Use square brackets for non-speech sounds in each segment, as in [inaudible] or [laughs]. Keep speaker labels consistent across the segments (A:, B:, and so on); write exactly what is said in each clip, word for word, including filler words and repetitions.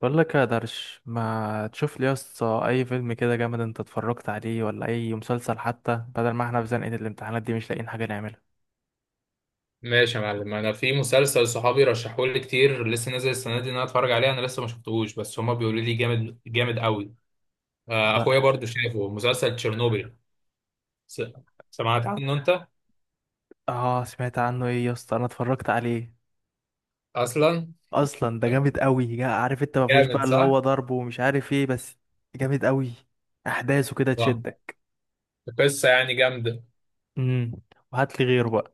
A: بقول لك يا درش، ما تشوف لي يا اسطى اي فيلم كده جامد انت اتفرجت عليه؟ ولا اي مسلسل حتى، بدل ما احنا في زنقة الامتحانات دي مش لاقيين حاجة نعملها.
B: ماشي يا معلم، انا في مسلسل صحابي رشحوه لي كتير لسه نازل السنه دي ان انا اتفرج عليه. انا لسه ما شفتهوش بس هما بيقولوا لي جامد، جامد قوي. آه،
A: ده.
B: اخويا برضو شافه مسلسل تشيرنوبيل. س- سمعت عنه انت؟
A: اه، سمعت عنه، ايه يا اسطى انا اتفرجت عليه
B: اصلا
A: اصلا. ده جامد قوي، جا- عارف انت ما فيهوش
B: جامد
A: بقى اللي هو
B: صح.
A: ضرب ومش عارف ايه، بس. جامد قوي، احداثه كده
B: آه.
A: تشدك.
B: قصه يعني جامده.
A: امم وهات لي غيره بقى.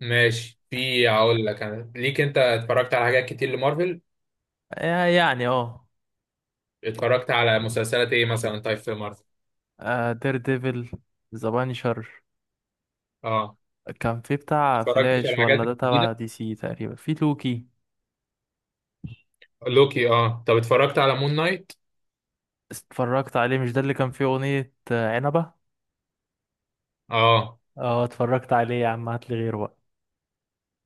B: ماشي، في هقول لك انا ليك. انت اتفرجت على حاجات كتير لمارفل؟
A: يا- يعني اه.
B: اتفرجت على مسلسلات ايه مثلا؟ طيب في مارفل؟
A: آه، دير ديفل. ذا بانشر.
B: اه،
A: كان في بتاع
B: اتفرجت على
A: فلاش،
B: الحاجات
A: ولا ده تبع
B: الجديده.
A: دي سي تقريبا؟ في لوكي.
B: لوكي، اه. طب اتفرجت على مون نايت؟
A: اتفرجت عليه، مش ده اللي كان فيه أغنية آه، عنبة؟
B: اه.
A: اه، اتفرجت عليه يا عم، هاتلي غيره بقى.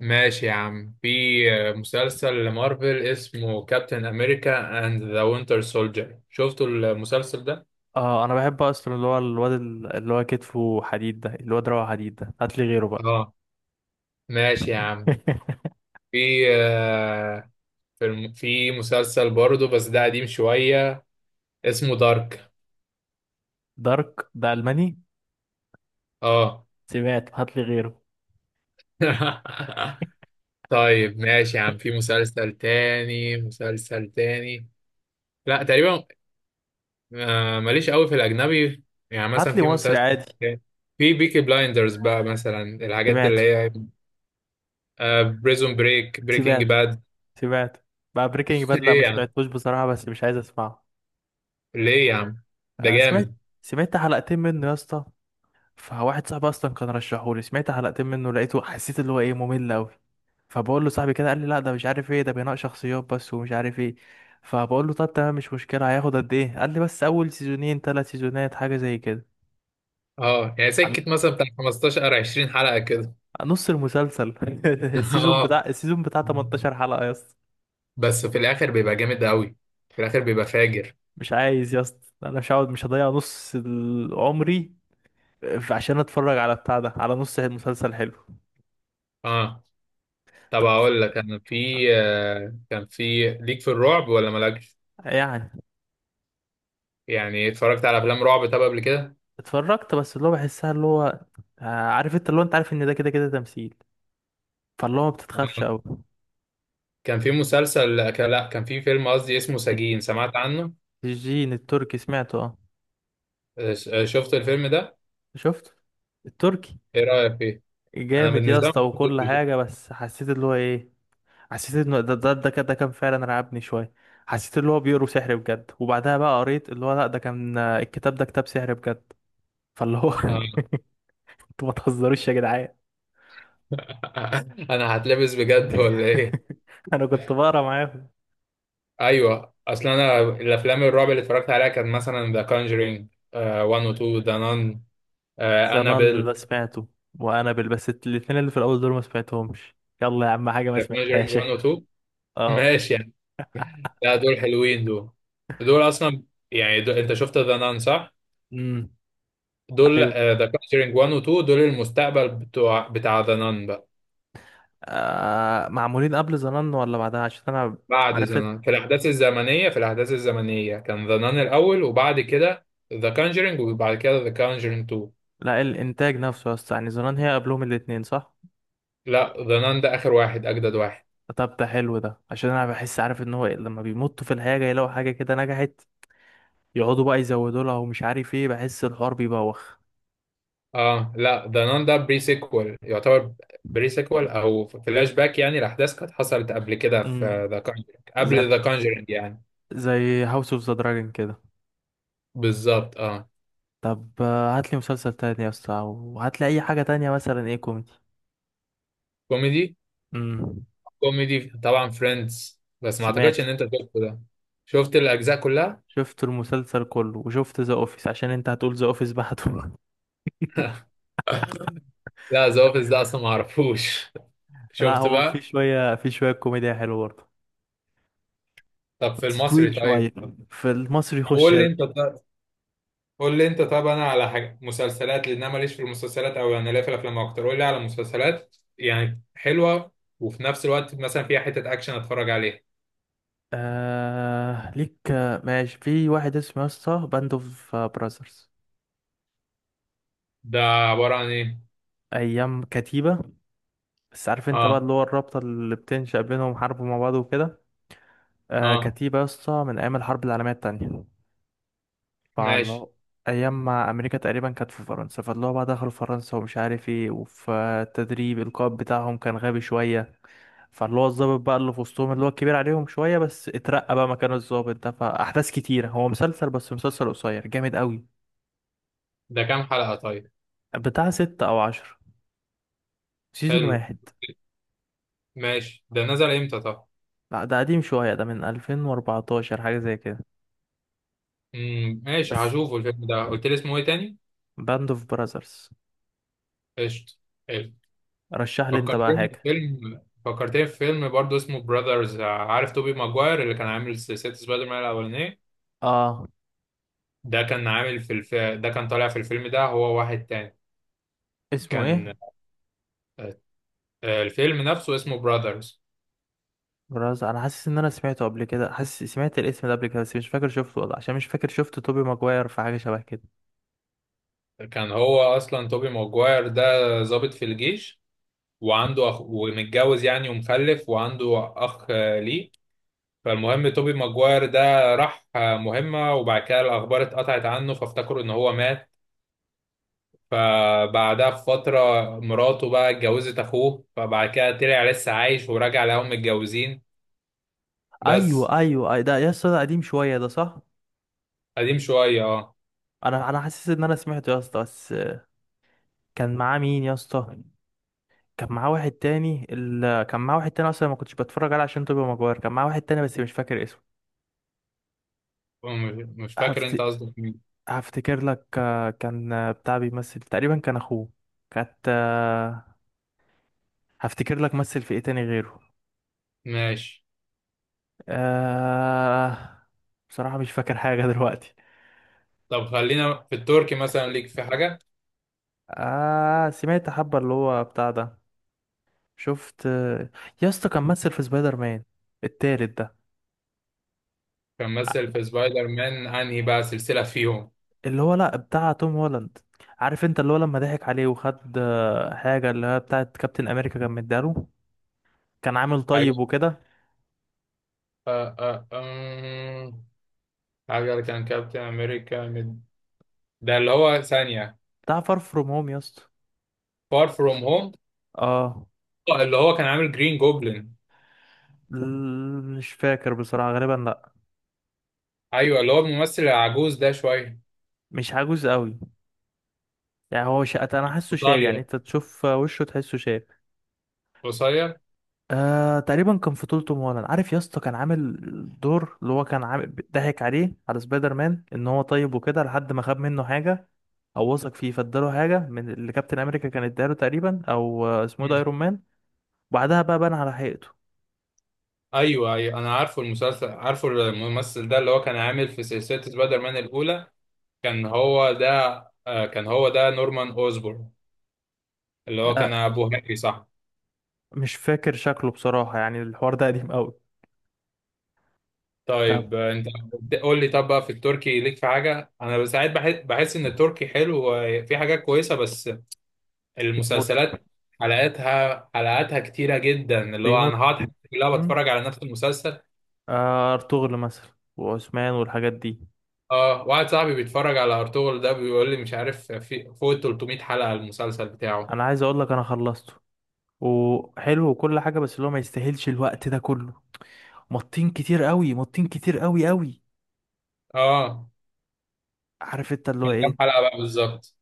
B: ماشي يا عم، في مسلسل لمارفل اسمه كابتن امريكا اند ذا وينتر سولجر، شفتوا المسلسل ده؟
A: اه، انا بحب اصلا اللي هو الواد ال- اللي هو كتفه حديد ده، الواد روعه، حديد ده. هاتلي غيره بقى.
B: اه. ماشي يا عم،
A: [laughs]
B: في آه، في الم- في مسلسل برضه بس ده قديم شوية اسمه دارك.
A: دارك ده ألماني.
B: اه.
A: سمعت. هاتلي غيره.
B: [laughs] طيب ماشي يا عم، في مسلسل تاني، مسلسل تاني. لا، تقريبا آه، ماليش قوي في الاجنبي. يعني مثلا
A: هاتلي
B: في
A: مصري
B: مسلسل
A: عادي.
B: تاني. في بيكي بلايندرز بقى مثلا، الحاجات اللي
A: سمعته.
B: هي آه، بريزون بريك، بريكنج
A: سمعته.
B: باد.
A: سمعته. بقى بريكنج
B: [laughs]
A: باد، لا
B: ليه
A: ما
B: يا عم؟
A: سمعتوش بصراحة، بس مش عايز اسمعه.
B: ليه يا عم؟ ده
A: أنا
B: جامد.
A: سمعت سمعت حلقتين منه يا اسطى. فواحد صاحبي اصلا كان رشحهولي، سمعت حلقتين منه لقيته، حسيت اللي هو ايه، ممل قوي. فبقول له صاحبي كده قال لي لا، ده مش عارف ايه، ده بناء شخصيات بس ومش عارف ايه. فبقول له طب تمام، مش مشكله، هياخد قد ايه؟ قال لي بس اول سيزونين ثلاث سيزونات، حاجه زي كده.
B: اه يعني
A: قال-
B: سكت مثلا بتاع خمستاشر او عشرين حلقة كده.
A: نص المسلسل. [laughs] السيزون
B: [laughs] اه،
A: بتاع السيزون بتاع تمنتاشر حلقه يا اسطى.
B: بس في الاخر بيبقى جامد قوي، في الاخر بيبقى فاجر.
A: مش عايز يا اسطى، انا مش هقعد، مش هضيع نص ال- عمري. في- عشان اتفرج على بتاع ده، على نص المسلسل حلو.
B: اه، طب اقول لك، انا في آه كان في ليك في الرعب ولا مالكش؟
A: يعني،
B: يعني اتفرجت على افلام رعب طب قبل كده؟
A: اتفرجت، بس اللي هو بحسها اللي هو. آه، عارف انت، اللي هو انت عارف ان ده كده كده تمثيل. فاللي هو ما بتتخافش
B: آه.
A: قوي.
B: كان في مسلسل آه، كان- لا كان في فيلم قصدي اسمه سجين، سمعت عنه؟
A: الجين التركي، سمعته اه.
B: آه، شفت الفيلم ده؟
A: شفت التركي.
B: ايه رأيك فيه؟ انا
A: جامد يا
B: بالنسبة لي
A: اسطى
B: ما
A: وكل
B: شفتوش.
A: حاجه، بس حسيت اللي هو ايه. حسيت انه ده ده ده كان ده كان فعلا رعبني شويه. حسيت اللي هو بيقروا سحر بجد، وبعدها بقى قريت اللي هو لا، ده كان آه، الكتاب ده كتاب سحر بجد. فاللي هو
B: آه.
A: [laughs] انتوا ما تهزروش يا جدعان.
B: [laughs] انا هتلبس بجد ولا ايه؟
A: [laughs] انا كنت بقرا معاهم.
B: ايوه، اصل انا الافلام الرعب اللي اتفرجت عليها كانت مثلا ذا كونجرينج واحد و اتنين، ذا نان،
A: زنان ده
B: انابيل،
A: سمعته. وانابل، بس الاتنين اللي في الاول دول ما سمعتهمش. يلا يا عم، حاجه ما
B: ذا كونجرينج
A: سمعتهاش.
B: واحد و اتنين.
A: [laughs] اه.
B: ماشي يعني. لا، دول حلوين دول، دول اصلا يعني. دول انت شفت ذا نان صح؟
A: امم.
B: دول
A: ايوه.
B: ذا كونجرينج واحد و اتنين دول المستقبل بتوع بتاع ذا نان بقى.
A: آه، معمولين قبل زنان ولا بعدها؟ عشان انا
B: بعد ذا
A: عرفت.
B: نان في الاحداث الزمنيه، في الاحداث الزمنيه كان ذا نان الاول وبعد كده ذا كونجرينج وبعد كده ذا كونجرينج.
A: لا، الانتاج نفسه يا اسطى، يعني زنان هي قبلهم الاتنين، صح؟
B: لا، ذا نان ده اخر واحد، اجدد واحد.
A: طب ده حلو ده، عشان انا بحس عارف ان هو، إيه، لما بيمطوا في الحاجه يلاقوا حاجه كده نجحت، يقعدوا بقى يزودوا لها ومش عارف ايه، بحس الحوار بيبوخ.
B: اه. لا، ذا نان ده بري سيكوال يعتبر، بري سيكوال او فلاش باك يعني لاحداث كانت حصلت قبل كده في
A: امم.
B: ذا كونجرينج،
A: زي
B: قبل ذا كونجرينج يعني.
A: زي هاوس اوف ذا دراجون كده.
B: بالظبط، اه.
A: طب هات لي مسلسل تاني يا اسطى، او هات لي اي حاجه تانية، مثلا ايه؟ كوميدي.
B: كوميدي؟
A: امم
B: كوميدي طبعا فريندز، بس ما اعتقدش ان
A: سمعته.
B: انت شفته ده. شفت الاجزاء كلها؟
A: شفت المسلسل كله، وشفت ذا اوفيس عشان انت هتقول ذا اوفيس بعده. [laughs]
B: [laughs] لا ذا اوفيس ده اصلا ما اعرفوش. [laughs]
A: لا
B: شفت
A: هو في
B: بقى.
A: شويه في شويه كوميديا حلوه برضه.
B: طب في
A: بس
B: المصري
A: طويل
B: طيب؟
A: شويه. في المصري، خش
B: قول
A: يا
B: لي انت
A: باشا.
B: طيب. قول لي انت. طب انا على حاجه مسلسلات، لان انا ماليش في المسلسلات، او يعني لا، في الافلام اكتر. قول لي على مسلسلات يعني حلوه وفي نفس الوقت مثلا فيها حته اكشن اتفرج عليها.
A: آه ليك، آه، ماشي، في واحد اسمه يا اسطى باند اوف براذرز.
B: ده عباره عن ايه؟
A: ايام كتيبه. بس عارف انت بقى،
B: اه.
A: اللي هو الرابطه اللي بتنشأ بينهم، حرب مع بعض وكده. آه
B: اه.
A: كتيبه يا اسطى من ايام الحرب العالميه التانية.
B: ماشي.
A: فاللي ايام ما امريكا تقريبا كانت في فرنسا، فاللي هو بقى دخلوا فرنسا ومش عارف ايه، وفي التدريب القائد بتاعهم كان غبي شويه. فاللي هو الضابط بقى اللي في وسطهم، اللي هو الكبير عليهم شويه، بس اترقى بقى مكان الضابط ده، فاحداث كتيره. هو مسلسل، بس مسلسل قصير جامد قوي.
B: ده كام حلقه طيب؟
A: بتاع ستة او عشر. سيزون
B: حلو.
A: واحد.
B: ماشي، ده نزل امتى طب؟
A: لا ده قديم شويه، ده من ألفين وأربعتاشر، حاجه زي كده.
B: امم، ماشي
A: بس.
B: هشوفه. الفيلم ده قلت لي اسمه ايه تاني؟
A: باند اوف براذرز.
B: قشطه، حلو.
A: رشح لي انت بقى
B: فكرتني في
A: حاجه.
B: فيلم، فكرتني في فيلم برضه اسمه براذرز. عارف توبي ماجواير اللي كان عامل سلسله سبايدر مان الاولانيه؟
A: اه،
B: ده كان عامل في الف... ده كان طالع في الفيلم ده هو واحد تاني.
A: اسمه
B: كان
A: ايه؟
B: آه، الفيلم نفسه اسمه براذرز.
A: براز انا حاسس ان انا سمعته قبل كده، حاسس سمعت الاسم ده قبل كده، بس مش فاكر شفته ولا، عشان مش فاكر شفت توبي ماجواير في حاجه شبه كده.
B: كان هو اصلا توبي ماجواير ده ضابط في الجيش، وعنده اخ ومتجوز يعني ومخلف، وعنده اخ آه، ليه. فالمهم توبي ماجواير ده راح آه، مهمة، وبعد كده الاخبار اتقطعت عنه، فافتكروا ان هو مات. فبعدها بفترة مراته بقى اتجوزت اخوه، فبعد كده طلع لسه عايش ورجع لقاهم متجوزين. بس.
A: ايوه، ايوه. أي- ده يا اسطى، ده قديم شويه ده، صح.
B: قديم شوية، اه.
A: انا انا حاسس ان انا سمعته يا اسطى بس. كان معاه مين يا اسطى؟ كان معاه واحد تاني ال... كان معاه واحد تاني، اصلا ما كنتش بتفرج عليه عشان توبي ماجواير، كان معاه واحد تاني بس مش فاكر اسمه.
B: م- مش مش فاكر، انت
A: هفت...
B: قصدك مين؟
A: هفتكر لك، آه، كان آه، بتاع بيمثل، تقريبا كان اخوه. كانت آه، هفتكر لك مثل في ايه تاني غيره.
B: ماشي.
A: آه. بصراحة مش فاكر حاجة. [laughs] دلوقتي.
B: طب خلينا في التركي، مثلا ليك في حاجة؟
A: آه سمعت حبة، اللي هو بتاع ده. شفت. يا اسطى، كان ممثل في سبايدر مان التالت ده.
B: كان مثل في سبايدر مان، انهي بقى سلسلة فيهم؟
A: اللي هو، لا، بتاع توم هولاند. عارف انت اللي هو لما ضحك عليه وخد آه، حاجة اللي هي بتاعت كابتن أمريكا كان مدياله. كان عامل
B: حاجة،
A: طيب وكده.
B: آه آه، آم، حاجة اللي كان كابتن امريكا من- ده اللي هو ثانية.
A: بتاع فار فروم هوم يا اسطى.
B: فار فروم هوم.
A: اه.
B: اللي هو كان عامل جرين جوبلin.
A: ل- مش فاكر بصراحة، غالبا لا.
B: ايوه، اللي هو الممثل العجوز ده شوية.
A: مش عجوز قوي. يعني هو شقة، انا حاسه شاب، يعني
B: قصير،
A: انت تشوف وشه تحسه شاب.
B: قصير.
A: آه، تقريبا كان في طول مولانا، عارف يا اسطى، كان عامل دور، اللي هو كان عامل ضحك عليه على سبايدر مان ان هو طيب وكده، لحد ما خاب منه حاجه، او وثق فيه فاداله حاجه من اللي كابتن امريكا كان اداله تقريبا، او آه، اسمه إيه
B: مم.
A: ده، ايرون مان. وبعدها بقى بان على حقيقته.
B: ايوه، ايوه، انا عارفه المسلسل، عارفه الممثل ده، اللي هو كان عامل في سلسلة سبايدر مان الاولى. كان هو ده. آه، كان هو ده نورمان أوزبورن، اللي هو كان
A: آه
B: أبو هنري صح؟
A: مش فاكر شكله بصراحه، يعني الحوار ده قديم قوي. طب.
B: طيب آه، أنت قول لي. طب بقى في التركي ليك في حاجة؟ أنا ساعات بحس، بحس إن التركي حلو وفي حاجات كويسة، بس
A: بيموت.
B: المسلسلات حلقاتها، حلقاتها كتيرة جدا، اللي هو أنا
A: بيموت.
B: هقعد حياتي كلها
A: امم.
B: بتفرج على نفس المسلسل.
A: آه ارطغرل مثلا، وعثمان والحاجات دي.
B: اه، واحد صاحبي بيتفرج على أرطغرل ده، بيقول لي مش عارف في فوق ال تلتمية حلقة المسلسل بتاعه.
A: انا عايز اقول لك، انا خلصته، وحلو وكل حاجه، بس اللي هو ما يستاهلش الوقت ده كله. مطين كتير قوي، مطين كتير قوي قوي.
B: اه.
A: عارف انت اللي
B: كان
A: هو
B: كام
A: ايه.
B: حلقة بقى بالظبط؟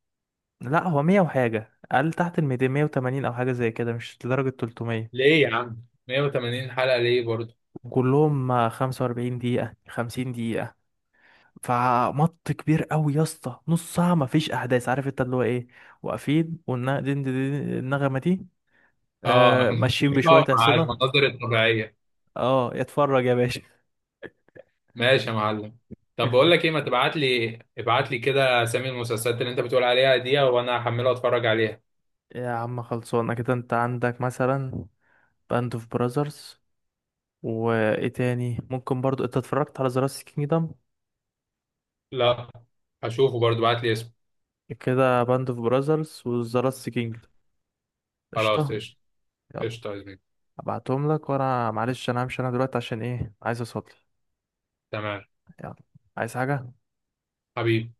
A: لا، هو مية وحاجة، قال تحت الميتين، مية وتمانين أو حاجة زي كده، مش لدرجة تلتمية.
B: ليه يا عم؟ مئة وثمانين حلقة ليه برضه؟
A: وكلهم خمسة وأربعين دقيقة، خمسين دقيقة. فمط كبير قوي يا اسطى، نص ساعة مفيش أحداث، عارف انت اللي هو ايه. واقفين، والنغمة دي
B: اه. [laughs]
A: آه، ماشيين بشوية
B: الموسيقى مع
A: أحصنة.
B: المناظر الطبيعية.
A: اه، اتفرج يا باشا.
B: ماشي يا معلم. طب بقول لك ايه،
A: [laughs]
B: ما تبعت لي، ابعت لي كده اسامي المسلسلات اللي انت بتقول عليها دي وانا هحمله واتفرج عليها.
A: يا عم، خلصونا كده. انت عندك مثلا باند اوف براذرز، وايه تاني ممكن؟ برضو انت اتفرجت على ذا لاست كينجدم؟
B: لا، هشوفه برضو، ابعت لي اسمه.
A: كده، باند اوف براذرز وذا لاست كينجدم.
B: خلاص
A: قشطه.
B: قشطة.
A: يلا.
B: قشطة يا زميلي.
A: ابعتهم لك، وانا معلش انا همشي انا دلوقتي عشان ايه، عايز اصلي.
B: تمام.
A: يلا. عايز حاجه؟
B: حبيبي.